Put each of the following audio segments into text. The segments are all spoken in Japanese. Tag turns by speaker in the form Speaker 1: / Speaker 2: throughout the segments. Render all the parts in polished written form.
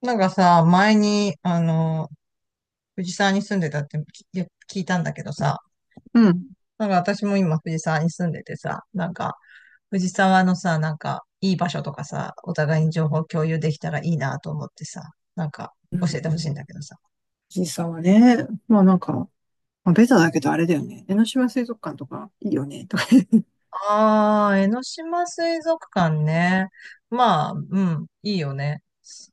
Speaker 1: なんかさ、前に、あの、藤沢に住んでたってき聞いたんだけどさ、
Speaker 2: うん。
Speaker 1: なんか私も今藤沢に住んでてさ、藤沢のさ、いい場所とかさ、お互いに情報共有できたらいいなと思ってさ、なんか、
Speaker 2: う
Speaker 1: 教え
Speaker 2: ん。
Speaker 1: てほしいんだけどさ。
Speaker 2: 藤沢はね、ベタだけどあれだよね。江ノ島水族館とかいいよね、とかね。
Speaker 1: ああ、江ノ島水族館ね。まあ、うん、いいよね。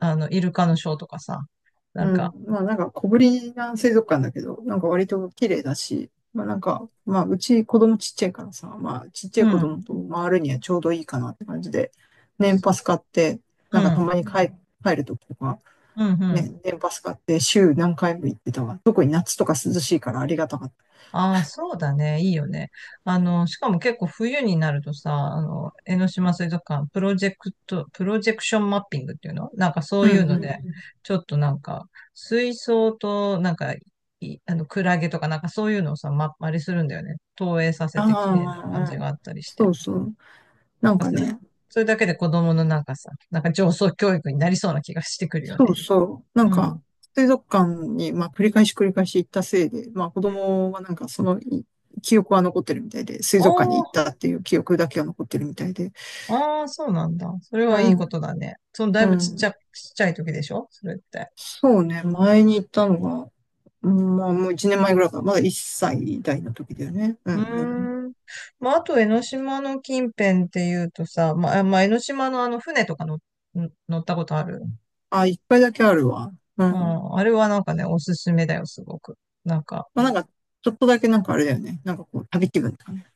Speaker 1: あの、イルカのショーとかさ、な
Speaker 2: う
Speaker 1: ん
Speaker 2: ん。
Speaker 1: か、
Speaker 2: まあ小ぶりな水族館だけど、なんか割と綺麗だし、まあうち子供ちっちゃいからさ、まあちっちゃ
Speaker 1: う
Speaker 2: い子
Speaker 1: ん、
Speaker 2: 供と回るにはちょうどいいかなって感じで、年パス買って、
Speaker 1: う
Speaker 2: なんかた
Speaker 1: ん、
Speaker 2: まに帰、帰るときとか、
Speaker 1: うん、うん。
Speaker 2: ね、年パス買って週何回も行ってたわ。特に夏とか涼しいからありがたかっ
Speaker 1: ああ、そうだね。いいよね。あの、しかも結構冬になるとさ、あの、江ノ島水族館、プロジェクションマッピングっていうのなんかそ
Speaker 2: た。
Speaker 1: う
Speaker 2: う
Speaker 1: いう
Speaker 2: んう
Speaker 1: ので、
Speaker 2: ん。
Speaker 1: ちょっとなんか、水槽と、あの、クラゲとかなんかそういうのをさ、ま、あれするんだよね。投影させて綺麗な感
Speaker 2: あ
Speaker 1: じ
Speaker 2: あ、
Speaker 1: があったりし
Speaker 2: そ
Speaker 1: て。
Speaker 2: うそう。な
Speaker 1: なん
Speaker 2: ん
Speaker 1: か
Speaker 2: か
Speaker 1: それ、
Speaker 2: ね、
Speaker 1: それだけで子供のなんかさ、なんか上層教育になりそうな気がしてくるよ
Speaker 2: そう
Speaker 1: ね。
Speaker 2: そう。なん
Speaker 1: う
Speaker 2: か、
Speaker 1: ん。
Speaker 2: 水族館に、まあ、繰り返し繰り返し行ったせいで、まあ、子供はなんかそのい記憶は残ってるみたいで、水
Speaker 1: お
Speaker 2: 族館に行っ
Speaker 1: ー、
Speaker 2: たっていう記憶だけは残ってるみたいで。
Speaker 1: ああ、そうなんだ。それ
Speaker 2: う
Speaker 1: はいいこ
Speaker 2: ん、
Speaker 1: とだね。その、だい
Speaker 2: う
Speaker 1: ぶちっち
Speaker 2: ん。
Speaker 1: ゃ、ちっちゃい時でしょそれって。
Speaker 2: そうね、前に行ったのが、うんまあ、もう1年前ぐらいかな。まだ1歳代の時だよね。うん、
Speaker 1: う
Speaker 2: うん。
Speaker 1: ーん。まあ、あと、江ノ島の近辺っていうとさ、まあ、江ノ島のあの、船とかの乗ったことある？
Speaker 2: あ、一回だけあるわ。う
Speaker 1: う
Speaker 2: ん。
Speaker 1: ん。あれはなんかね、おすすめだよ、すごく。なんか、
Speaker 2: まあ、なんか、ちょっとだけなんかあれだよね。なんかこう、旅気分とかね。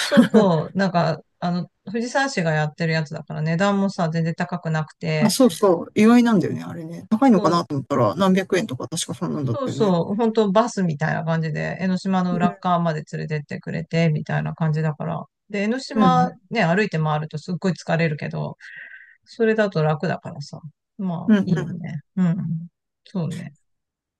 Speaker 1: そうそう、なんか、あの、藤沢市がやってるやつだから値段もさ、全然高くなく
Speaker 2: あ、
Speaker 1: て、
Speaker 2: そうそう。意外なんだよね、あれね。高いのかなと思ったら、何百円とか確かそんなんだっ
Speaker 1: そう
Speaker 2: たよね。
Speaker 1: そう、本当バスみたいな感じで、江ノ島の裏っ側まで連れてってくれて、みたいな感じだから。で、江ノ
Speaker 2: う
Speaker 1: 島
Speaker 2: ん、
Speaker 1: ね、歩いて回るとすっごい疲れるけど、それだと楽だからさ。まあ、
Speaker 2: うん、う
Speaker 1: い
Speaker 2: ん。
Speaker 1: い
Speaker 2: う
Speaker 1: よ
Speaker 2: ん
Speaker 1: ね。うん。そうね。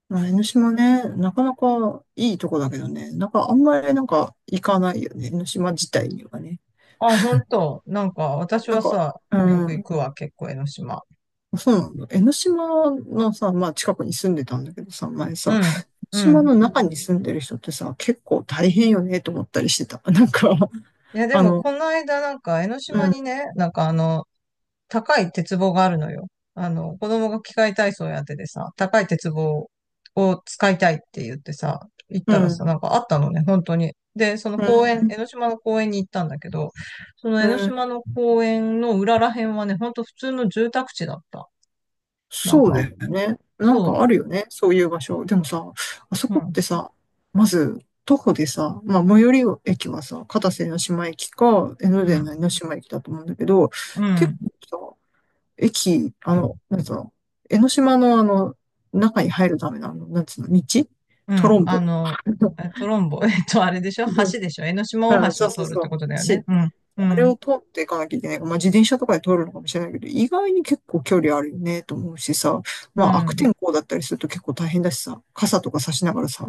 Speaker 2: まあ、江ノ島ね、なかなかいいとこだけどね、なんかあんまりなんか行かないよね、江ノ島自体にはね。
Speaker 1: あ、本当なんか、私
Speaker 2: なん
Speaker 1: は
Speaker 2: か、
Speaker 1: さ、
Speaker 2: う
Speaker 1: よく行
Speaker 2: ん、
Speaker 1: くわ、結構江ノ島。
Speaker 2: そうなんだ。江ノ島のさ、まあ近くに住んでたんだけどさ、前さ、
Speaker 1: う
Speaker 2: 江ノ
Speaker 1: ん。う
Speaker 2: 島
Speaker 1: ん。
Speaker 2: の中に住んでる人ってさ、結構大変よね、と思ったりしてた。
Speaker 1: いや、で
Speaker 2: あ
Speaker 1: も、
Speaker 2: の、
Speaker 1: この間、なんか、江ノ
Speaker 2: う
Speaker 1: 島
Speaker 2: ん、
Speaker 1: にね、なんかあの、高い鉄棒があるのよ。あの、子供が器械体操やっててさ、高い鉄棒を使いたいって言ってさ、行っ
Speaker 2: う
Speaker 1: たらさ、
Speaker 2: ん、
Speaker 1: なんかあったのね、本当に。で、その
Speaker 2: う
Speaker 1: 公園、
Speaker 2: ん、
Speaker 1: 江ノ島の公園に行ったんだけど、その
Speaker 2: う
Speaker 1: 江ノ
Speaker 2: ん
Speaker 1: 島の公園の裏ら辺はね、ほんと普通の住宅地だった。なん
Speaker 2: そう
Speaker 1: か、
Speaker 2: だよね。なん
Speaker 1: そ
Speaker 2: かあるよね。そういう場所。でもさ、あそ
Speaker 1: う、う
Speaker 2: こっ
Speaker 1: ん、
Speaker 2: てさ、まず、徒歩でさ、まあ、最寄り駅はさ、片瀬江島駅か、江ノ
Speaker 1: う
Speaker 2: 電の江
Speaker 1: ん、
Speaker 2: ノ島駅だと思うんだけど、
Speaker 1: う
Speaker 2: 結
Speaker 1: ん、
Speaker 2: 構さ、駅、あの、なんつうの、江ノ島のあの、中に入るための、あの、なんつうの、道
Speaker 1: う
Speaker 2: トロ
Speaker 1: ん、
Speaker 2: ンボ。
Speaker 1: えトロンボ、えっと、あれでしょ？橋でしょ？江ノ島
Speaker 2: う
Speaker 1: 大
Speaker 2: ん
Speaker 1: 橋
Speaker 2: そ
Speaker 1: を
Speaker 2: うそう
Speaker 1: 通るって
Speaker 2: そ
Speaker 1: ことだ
Speaker 2: う。
Speaker 1: よね。
Speaker 2: し、
Speaker 1: うん、う
Speaker 2: あれ
Speaker 1: ん、
Speaker 2: を通っていかなきゃいけない。まあ、自転車とかで通るのかもしれないけど、意外に結構距離あるよね、と思うしさ。
Speaker 1: う
Speaker 2: まあ、悪
Speaker 1: ん。
Speaker 2: 天候だったりすると結構大変だしさ、傘とか差しながらさ、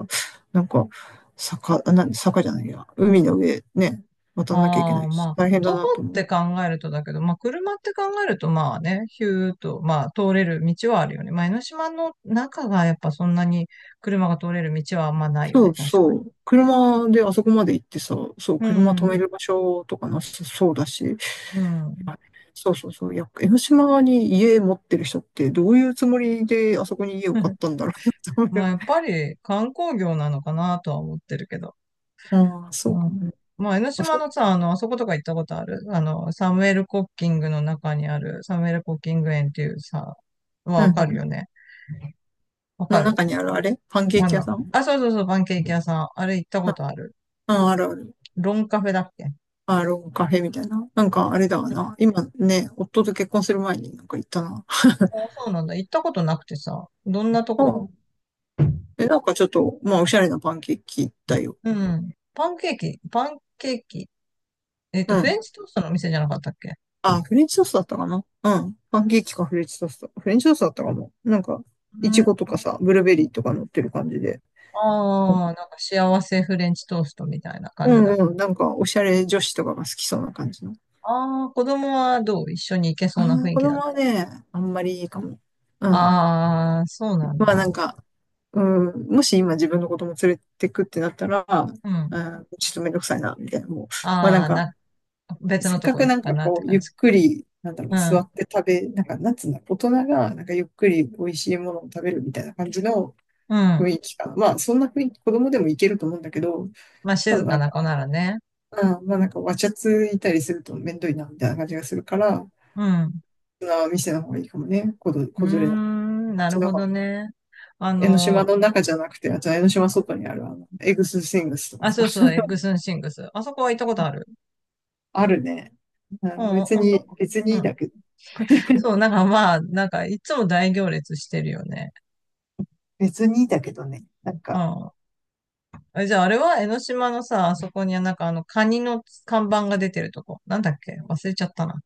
Speaker 2: なんか、坂、あなん坂じゃないや、海の上ね、渡んなきゃいけな
Speaker 1: あ
Speaker 2: い
Speaker 1: あ、
Speaker 2: し、
Speaker 1: まあ、
Speaker 2: 大変だ
Speaker 1: 徒歩
Speaker 2: なと
Speaker 1: っ
Speaker 2: 思う。
Speaker 1: て考えるとだけど、まあ、車って考えると、まあね、ヒューッと、まあ、通れる道はあるよね。まあ、江ノ島の中がやっぱそんなに車が通れる道はあんまないよ
Speaker 2: そ
Speaker 1: ね、
Speaker 2: う
Speaker 1: 確か
Speaker 2: そ
Speaker 1: に。
Speaker 2: う。車であそこまで行ってさ、そう、
Speaker 1: う
Speaker 2: 車止め
Speaker 1: ん、
Speaker 2: る場所とかなさそうだし、
Speaker 1: うん。
Speaker 2: そうそうそう。いや、江ノ島に家持ってる人ってどういうつもりであそこに家を買ったんだろうなって思う
Speaker 1: ま
Speaker 2: よ
Speaker 1: あ、
Speaker 2: ね。
Speaker 1: やっぱり観光業なのかなとは思ってるけど。
Speaker 2: ああ、そう
Speaker 1: う
Speaker 2: か
Speaker 1: ん、
Speaker 2: もね。
Speaker 1: まあ、江ノ
Speaker 2: あ、
Speaker 1: 島
Speaker 2: そう。
Speaker 1: のさ、あの、あそことか行ったことある？あの、サムエル・コッキングの中にある、サムエル・コッキング園っていうさ、は
Speaker 2: う
Speaker 1: わ
Speaker 2: んう
Speaker 1: かるよ
Speaker 2: ん。
Speaker 1: ね。わ
Speaker 2: の
Speaker 1: かる？
Speaker 2: 中にあるあれパンケー
Speaker 1: あ
Speaker 2: キ屋
Speaker 1: の、
Speaker 2: さん
Speaker 1: あ、そうそうそう、パンケーキ屋さん。あれ行ったこ
Speaker 2: あ、
Speaker 1: とある？
Speaker 2: うん、あるある。
Speaker 1: ロンカフェだっけ？
Speaker 2: アーロンカフェみたいな。なんかあれだわな。今ね、夫と結婚する前になんか行ったな。
Speaker 1: あ、そうなんだ。行ったことなくてさ、どんなと
Speaker 2: う
Speaker 1: こ？
Speaker 2: ん。え、なんかちょっと、まあおしゃれなパンケーキだよ。
Speaker 1: うん。パンケーキ、パンケーキ。えっ
Speaker 2: う
Speaker 1: と、フレ
Speaker 2: ん。
Speaker 1: ンチトーストのお店じゃなかったっけ？
Speaker 2: あ、フレンチトーストだったかなうん。パンケーキかフレンチトースト。フレンチトーストだったかも。なんか、
Speaker 1: う
Speaker 2: イチ
Speaker 1: ん。
Speaker 2: ゴとかさ、ブルーベリーとか乗ってる感じで。う
Speaker 1: ああ、なんか幸せフレンチトーストみたいな
Speaker 2: ん
Speaker 1: 感
Speaker 2: う
Speaker 1: じだ。
Speaker 2: んうん。なんか、おしゃれ女子とかが好きそうな感じの。
Speaker 1: ああ、子供はどう？一緒に行けそ
Speaker 2: あ
Speaker 1: うな雰
Speaker 2: あ、
Speaker 1: 囲
Speaker 2: 子
Speaker 1: 気だっ
Speaker 2: 供は
Speaker 1: た？
Speaker 2: ね、あんまりいいかも。うん。
Speaker 1: ああー、そうなん
Speaker 2: まあ
Speaker 1: だ。
Speaker 2: なんか、うん、もし今自分の子供連れてくってなったら、
Speaker 1: う
Speaker 2: う
Speaker 1: ん。
Speaker 2: ん、ちょっとめんどくさいな、みたいな。もう、まあなん
Speaker 1: ああ、
Speaker 2: か、
Speaker 1: な、別の
Speaker 2: せっ
Speaker 1: と
Speaker 2: か
Speaker 1: こ
Speaker 2: く
Speaker 1: 行
Speaker 2: な
Speaker 1: く
Speaker 2: ん
Speaker 1: か
Speaker 2: か
Speaker 1: なって
Speaker 2: こう、
Speaker 1: 感
Speaker 2: ゆっ
Speaker 1: じ。
Speaker 2: くり、なんだろう、
Speaker 1: う
Speaker 2: 座
Speaker 1: ん。
Speaker 2: って食べ、なんか、なんつうんだ、大人がなんかゆっくり美味しいものを食べるみたいな感じの
Speaker 1: うん。
Speaker 2: 雰囲気かな。まあ、そんな雰囲気、子供でもいけると思うんだけど、
Speaker 1: まあ、
Speaker 2: た
Speaker 1: 静
Speaker 2: だな
Speaker 1: か
Speaker 2: ん
Speaker 1: な
Speaker 2: か、
Speaker 1: 子ならね。
Speaker 2: うん、わちゃついたりするとめんどいな、みたいな感じがするから、
Speaker 1: うん。
Speaker 2: 大人は店の方がいいかもね、子ど、
Speaker 1: うー
Speaker 2: 子連れだと。
Speaker 1: ん、
Speaker 2: あっ
Speaker 1: な
Speaker 2: ち
Speaker 1: る
Speaker 2: の
Speaker 1: ほどね。あ
Speaker 2: 江ノ島
Speaker 1: の、
Speaker 2: の中じゃなくて、あっちの江ノ島外にある、あの、エグスシングスとか
Speaker 1: あ、そうそ
Speaker 2: さ。
Speaker 1: う、エッグスンシングス。あそこは行ったことある。
Speaker 2: あるね。う
Speaker 1: う
Speaker 2: ん別
Speaker 1: ん、あそ
Speaker 2: に、
Speaker 1: こ。
Speaker 2: 別
Speaker 1: う
Speaker 2: にいい
Speaker 1: ん。
Speaker 2: だけど。
Speaker 1: そう、なんかまあ、なんかいつも大行列してるよね。
Speaker 2: 別にいいだけどね。なん
Speaker 1: う
Speaker 2: か、
Speaker 1: ん。え、じゃああれは江ノ島のさ、あそこにはなんかあのカニの看板が出てるとこ。なんだっけ忘れちゃったな。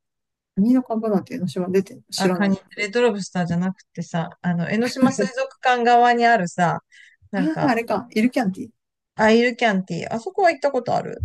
Speaker 2: 何の株なんて江ノ島出てんの知
Speaker 1: あ、
Speaker 2: ら
Speaker 1: カ
Speaker 2: な
Speaker 1: ニ、
Speaker 2: い。
Speaker 1: レッドロブスターじゃなくてさ、あの、江ノ島水族館側にあるさ、
Speaker 2: あ
Speaker 1: なん
Speaker 2: あ、あ
Speaker 1: か、
Speaker 2: れか、イルキャンティ。
Speaker 1: アイルキャンティー。あそこは行ったことある。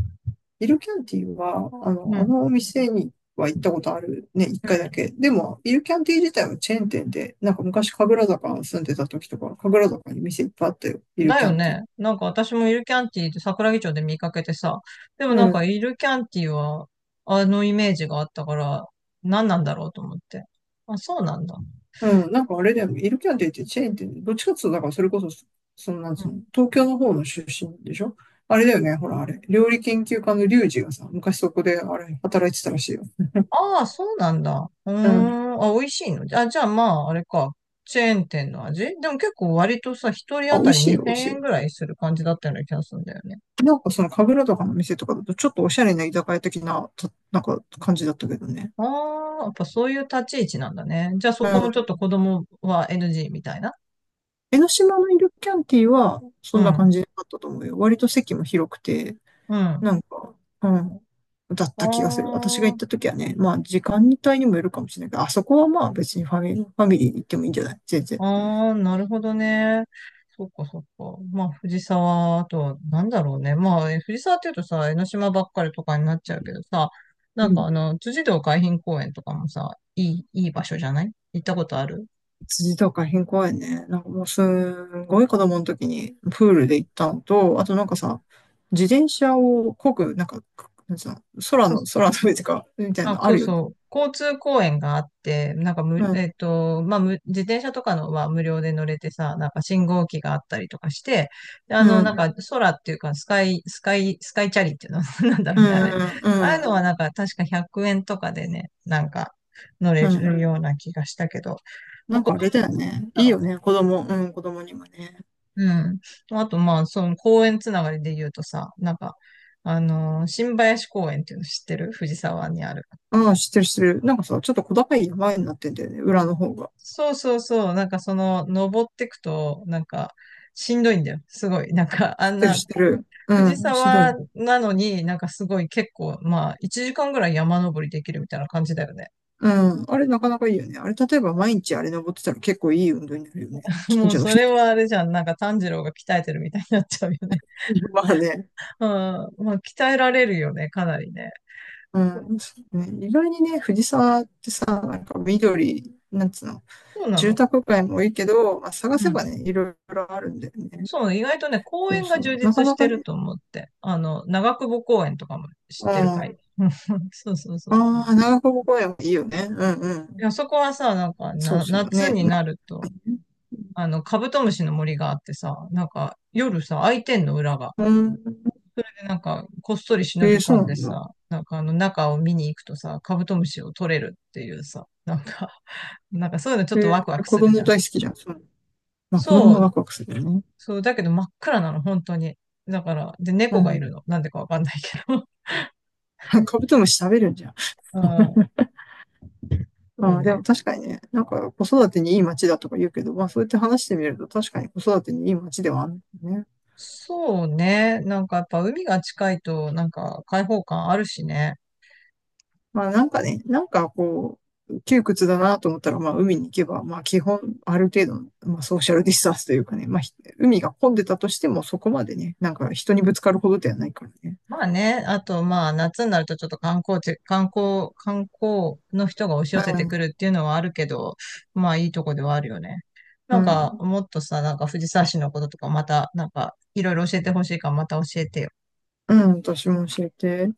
Speaker 2: イルキャンティは、あの、
Speaker 1: う
Speaker 2: あ
Speaker 1: ん。
Speaker 2: のお店には行ったことあるね、一
Speaker 1: う
Speaker 2: 回だ
Speaker 1: ん。
Speaker 2: け。でも、イルキャンティ自体はチェーン店で、なんか昔、神楽坂住んでた時とか、神楽坂に店いっぱいあったよ、イル
Speaker 1: だ
Speaker 2: キャ
Speaker 1: よ
Speaker 2: ンティ。
Speaker 1: ね。なんか私もイルキャンティーって桜木町で見かけてさ。でも
Speaker 2: う
Speaker 1: なんか
Speaker 2: ん。
Speaker 1: イルキャンティーはあのイメージがあったから何なんだろうと思って。あ、そうなんだ。
Speaker 2: うん、なんかあれだよね。イルキャンティってチェーンってどっちかっていうと、だからそれこそ、そのなん
Speaker 1: う
Speaker 2: つう
Speaker 1: ん。
Speaker 2: の、東京の方の出身でしょ？あれだよね。ほら、あれ。料理研究家のリュウジがさ、昔そこで、あれ、働いてたらしいよ。
Speaker 1: ああ、そうなんだ。うー
Speaker 2: うん。
Speaker 1: ん。あ、美味しいの？あ、じゃあまあ、あれか。チェーン店の味でも結構割とさ、一人
Speaker 2: あ、
Speaker 1: 当
Speaker 2: 美
Speaker 1: た
Speaker 2: 味
Speaker 1: り
Speaker 2: しいよ、美
Speaker 1: 2000
Speaker 2: 味しい
Speaker 1: 円
Speaker 2: よ。
Speaker 1: ぐらいする感じだったような気がするんだよね。
Speaker 2: なんかその神楽とかの店とかだと、ちょっとおしゃれな居酒屋的な、たなんか感じだったけどね。
Speaker 1: ああ、やっぱそういう立ち位置なんだね。じゃあ
Speaker 2: う
Speaker 1: そこもちょっ
Speaker 2: ん。
Speaker 1: と子供は NG みたいな。
Speaker 2: 江ノ島のイルキャンティは、
Speaker 1: う
Speaker 2: そんな感
Speaker 1: ん。
Speaker 2: じだったと思うよ。割と席も広くて、
Speaker 1: うん。
Speaker 2: なんか、うん、だった気がする。私が行
Speaker 1: あ
Speaker 2: った
Speaker 1: あ。
Speaker 2: 時はね、まあ時間帯にもよるかもしれないけど、あそこはまあ別にファミ、ファミリー行ってもいいんじゃない？全然。
Speaker 1: ああ、なるほどね。そっかそっか。まあ、藤沢、あとは、なんだろうね。まあ、え藤沢っていうとさ、江ノ島ばっかりとかになっちゃうけどさ、
Speaker 2: う
Speaker 1: なんか
Speaker 2: ん。
Speaker 1: あの、辻堂海浜公園とかもさ、いい場所じゃない？行ったことある？
Speaker 2: 辻とか変公園ね。なんかもうすんごい子供の時にプールで行ったのと、あとなんかさ、自転車を漕ぐ、なんか、なんつうの、空の、空の上とか、みたい
Speaker 1: あ、
Speaker 2: なのあ
Speaker 1: そう
Speaker 2: るよね。
Speaker 1: そう。交通公園があって、なんかむ、
Speaker 2: うん、
Speaker 1: えっと、まあ、自転車とかのは無料で乗れてさ、なんか信号機があったりとかして、であの、
Speaker 2: う
Speaker 1: なん
Speaker 2: ん、
Speaker 1: か空っていうか、スカイチャリっていうの なんだろ
Speaker 2: う
Speaker 1: うね、あれ。
Speaker 2: ん、う
Speaker 1: ああいうのは
Speaker 2: ん、
Speaker 1: なんか確か100円とかでね、なんか乗れ
Speaker 2: うん。
Speaker 1: るような気がしたけど、ま
Speaker 2: な
Speaker 1: あ、
Speaker 2: ん
Speaker 1: 子
Speaker 2: か
Speaker 1: 供
Speaker 2: あれだよね。
Speaker 1: だ
Speaker 2: いいよ
Speaker 1: ろ
Speaker 2: ね。子供、うん、子供にもね。
Speaker 1: う。うん。あと、まあ、その公園つながりで言うとさ、なんか、あの、新林公園っていうの知ってる？藤沢にある。
Speaker 2: うん、知ってる知ってる。なんかさ、ちょっと小高い山になってんだよね、裏の方が。
Speaker 1: そうそうそう、なんかその、登ってくと、なんか、しんどいんだよ。すごい。なんか、あ
Speaker 2: 知っ
Speaker 1: ん
Speaker 2: てる
Speaker 1: な、
Speaker 2: 知ってる。う
Speaker 1: 藤
Speaker 2: ん、ひど
Speaker 1: 沢
Speaker 2: い。
Speaker 1: なのに、なんかすごい結構、まあ、1時間ぐらい山登りできるみたいな感じだよね。
Speaker 2: うん、あれなかなかいいよね。あれ、例えば毎日あれ登ってたら結構いい運動になるよね。近
Speaker 1: もう
Speaker 2: 所の
Speaker 1: そ
Speaker 2: 人
Speaker 1: れ
Speaker 2: とか。
Speaker 1: はあれじゃん。なんか炭治郎が鍛えてるみたいになっちゃうよね。
Speaker 2: まあね。
Speaker 1: うん。まあ、鍛えられるよね、かなりね。そ
Speaker 2: うん、そうね。意外にね、藤沢ってさ、なんか緑、なんつうの、
Speaker 1: うな
Speaker 2: 住
Speaker 1: の。
Speaker 2: 宅街も多いけど、まあ、探
Speaker 1: う
Speaker 2: せ
Speaker 1: ん。
Speaker 2: ばね、いろいろあるんだよね。
Speaker 1: そうね、意外とね、公
Speaker 2: そう
Speaker 1: 園が
Speaker 2: そ
Speaker 1: 充
Speaker 2: う。なか
Speaker 1: 実し
Speaker 2: な
Speaker 1: て
Speaker 2: か
Speaker 1: る
Speaker 2: ね、
Speaker 1: と思って。あの、長久保公園とかも
Speaker 2: う
Speaker 1: 知っ
Speaker 2: ん。
Speaker 1: てる
Speaker 2: あ
Speaker 1: かい？ そうそうそう。
Speaker 2: あ、長久保公園もいいよね。うんう
Speaker 1: い
Speaker 2: ん。
Speaker 1: や、そこはさ、なんか
Speaker 2: そう
Speaker 1: な、
Speaker 2: そう
Speaker 1: 夏
Speaker 2: ね。
Speaker 1: に
Speaker 2: な
Speaker 1: なると、あの、カブトムシの森があってさ、なんか、夜さ、開いてんの、裏が。
Speaker 2: うん。
Speaker 1: でなんか、こっそり忍
Speaker 2: えー、
Speaker 1: び込
Speaker 2: そう
Speaker 1: ん
Speaker 2: な
Speaker 1: で
Speaker 2: んだ。
Speaker 1: さ、なんか、あの、中を見に行くとさ、カブトムシを取れるっていうさ、なんか なんかそういうのちょっと
Speaker 2: え
Speaker 1: ワクワ
Speaker 2: ー、
Speaker 1: ク
Speaker 2: 子
Speaker 1: するじ
Speaker 2: 供
Speaker 1: ゃん。
Speaker 2: 大好きじゃん。そう。まあ子供
Speaker 1: そ
Speaker 2: は
Speaker 1: う、
Speaker 2: ワクワクするよね。
Speaker 1: そう、だけど真っ暗なの、本当に。だから、で、
Speaker 2: う
Speaker 1: 猫がいる
Speaker 2: ん。
Speaker 1: の。なんでかわかんないけど。
Speaker 2: カブトムシ食べるんじゃん。
Speaker 1: ああ、そう
Speaker 2: うん、で
Speaker 1: ね。
Speaker 2: も確かにね、なんか子育てにいい街だとか言うけど、まあそうやって話してみると確かに子育てにいい街ではあるんだよね。
Speaker 1: そうね。なんかやっぱ海が近いと、なんか開放感あるしね。
Speaker 2: まあなんかね、なんかこう、窮屈だなと思ったら、まあ海に行けば、まあ基本ある程度の、まあソーシャルディスタンスというかね、まあ海が混んでたとしてもそこまでね、なんか人にぶつかるほどではないからね。
Speaker 1: まあね、あとまあ夏になるとちょっと観光地、観光、観光の人が押し寄せてくるっていうのはあるけど、まあいいとこではあるよね。
Speaker 2: う
Speaker 1: なん
Speaker 2: ん、
Speaker 1: か
Speaker 2: うん、
Speaker 1: もっとさ、なんか藤沢市のこととかまた、なんかいろいろ教えてほしいからまた教えてよ。
Speaker 2: うん、私も教えて。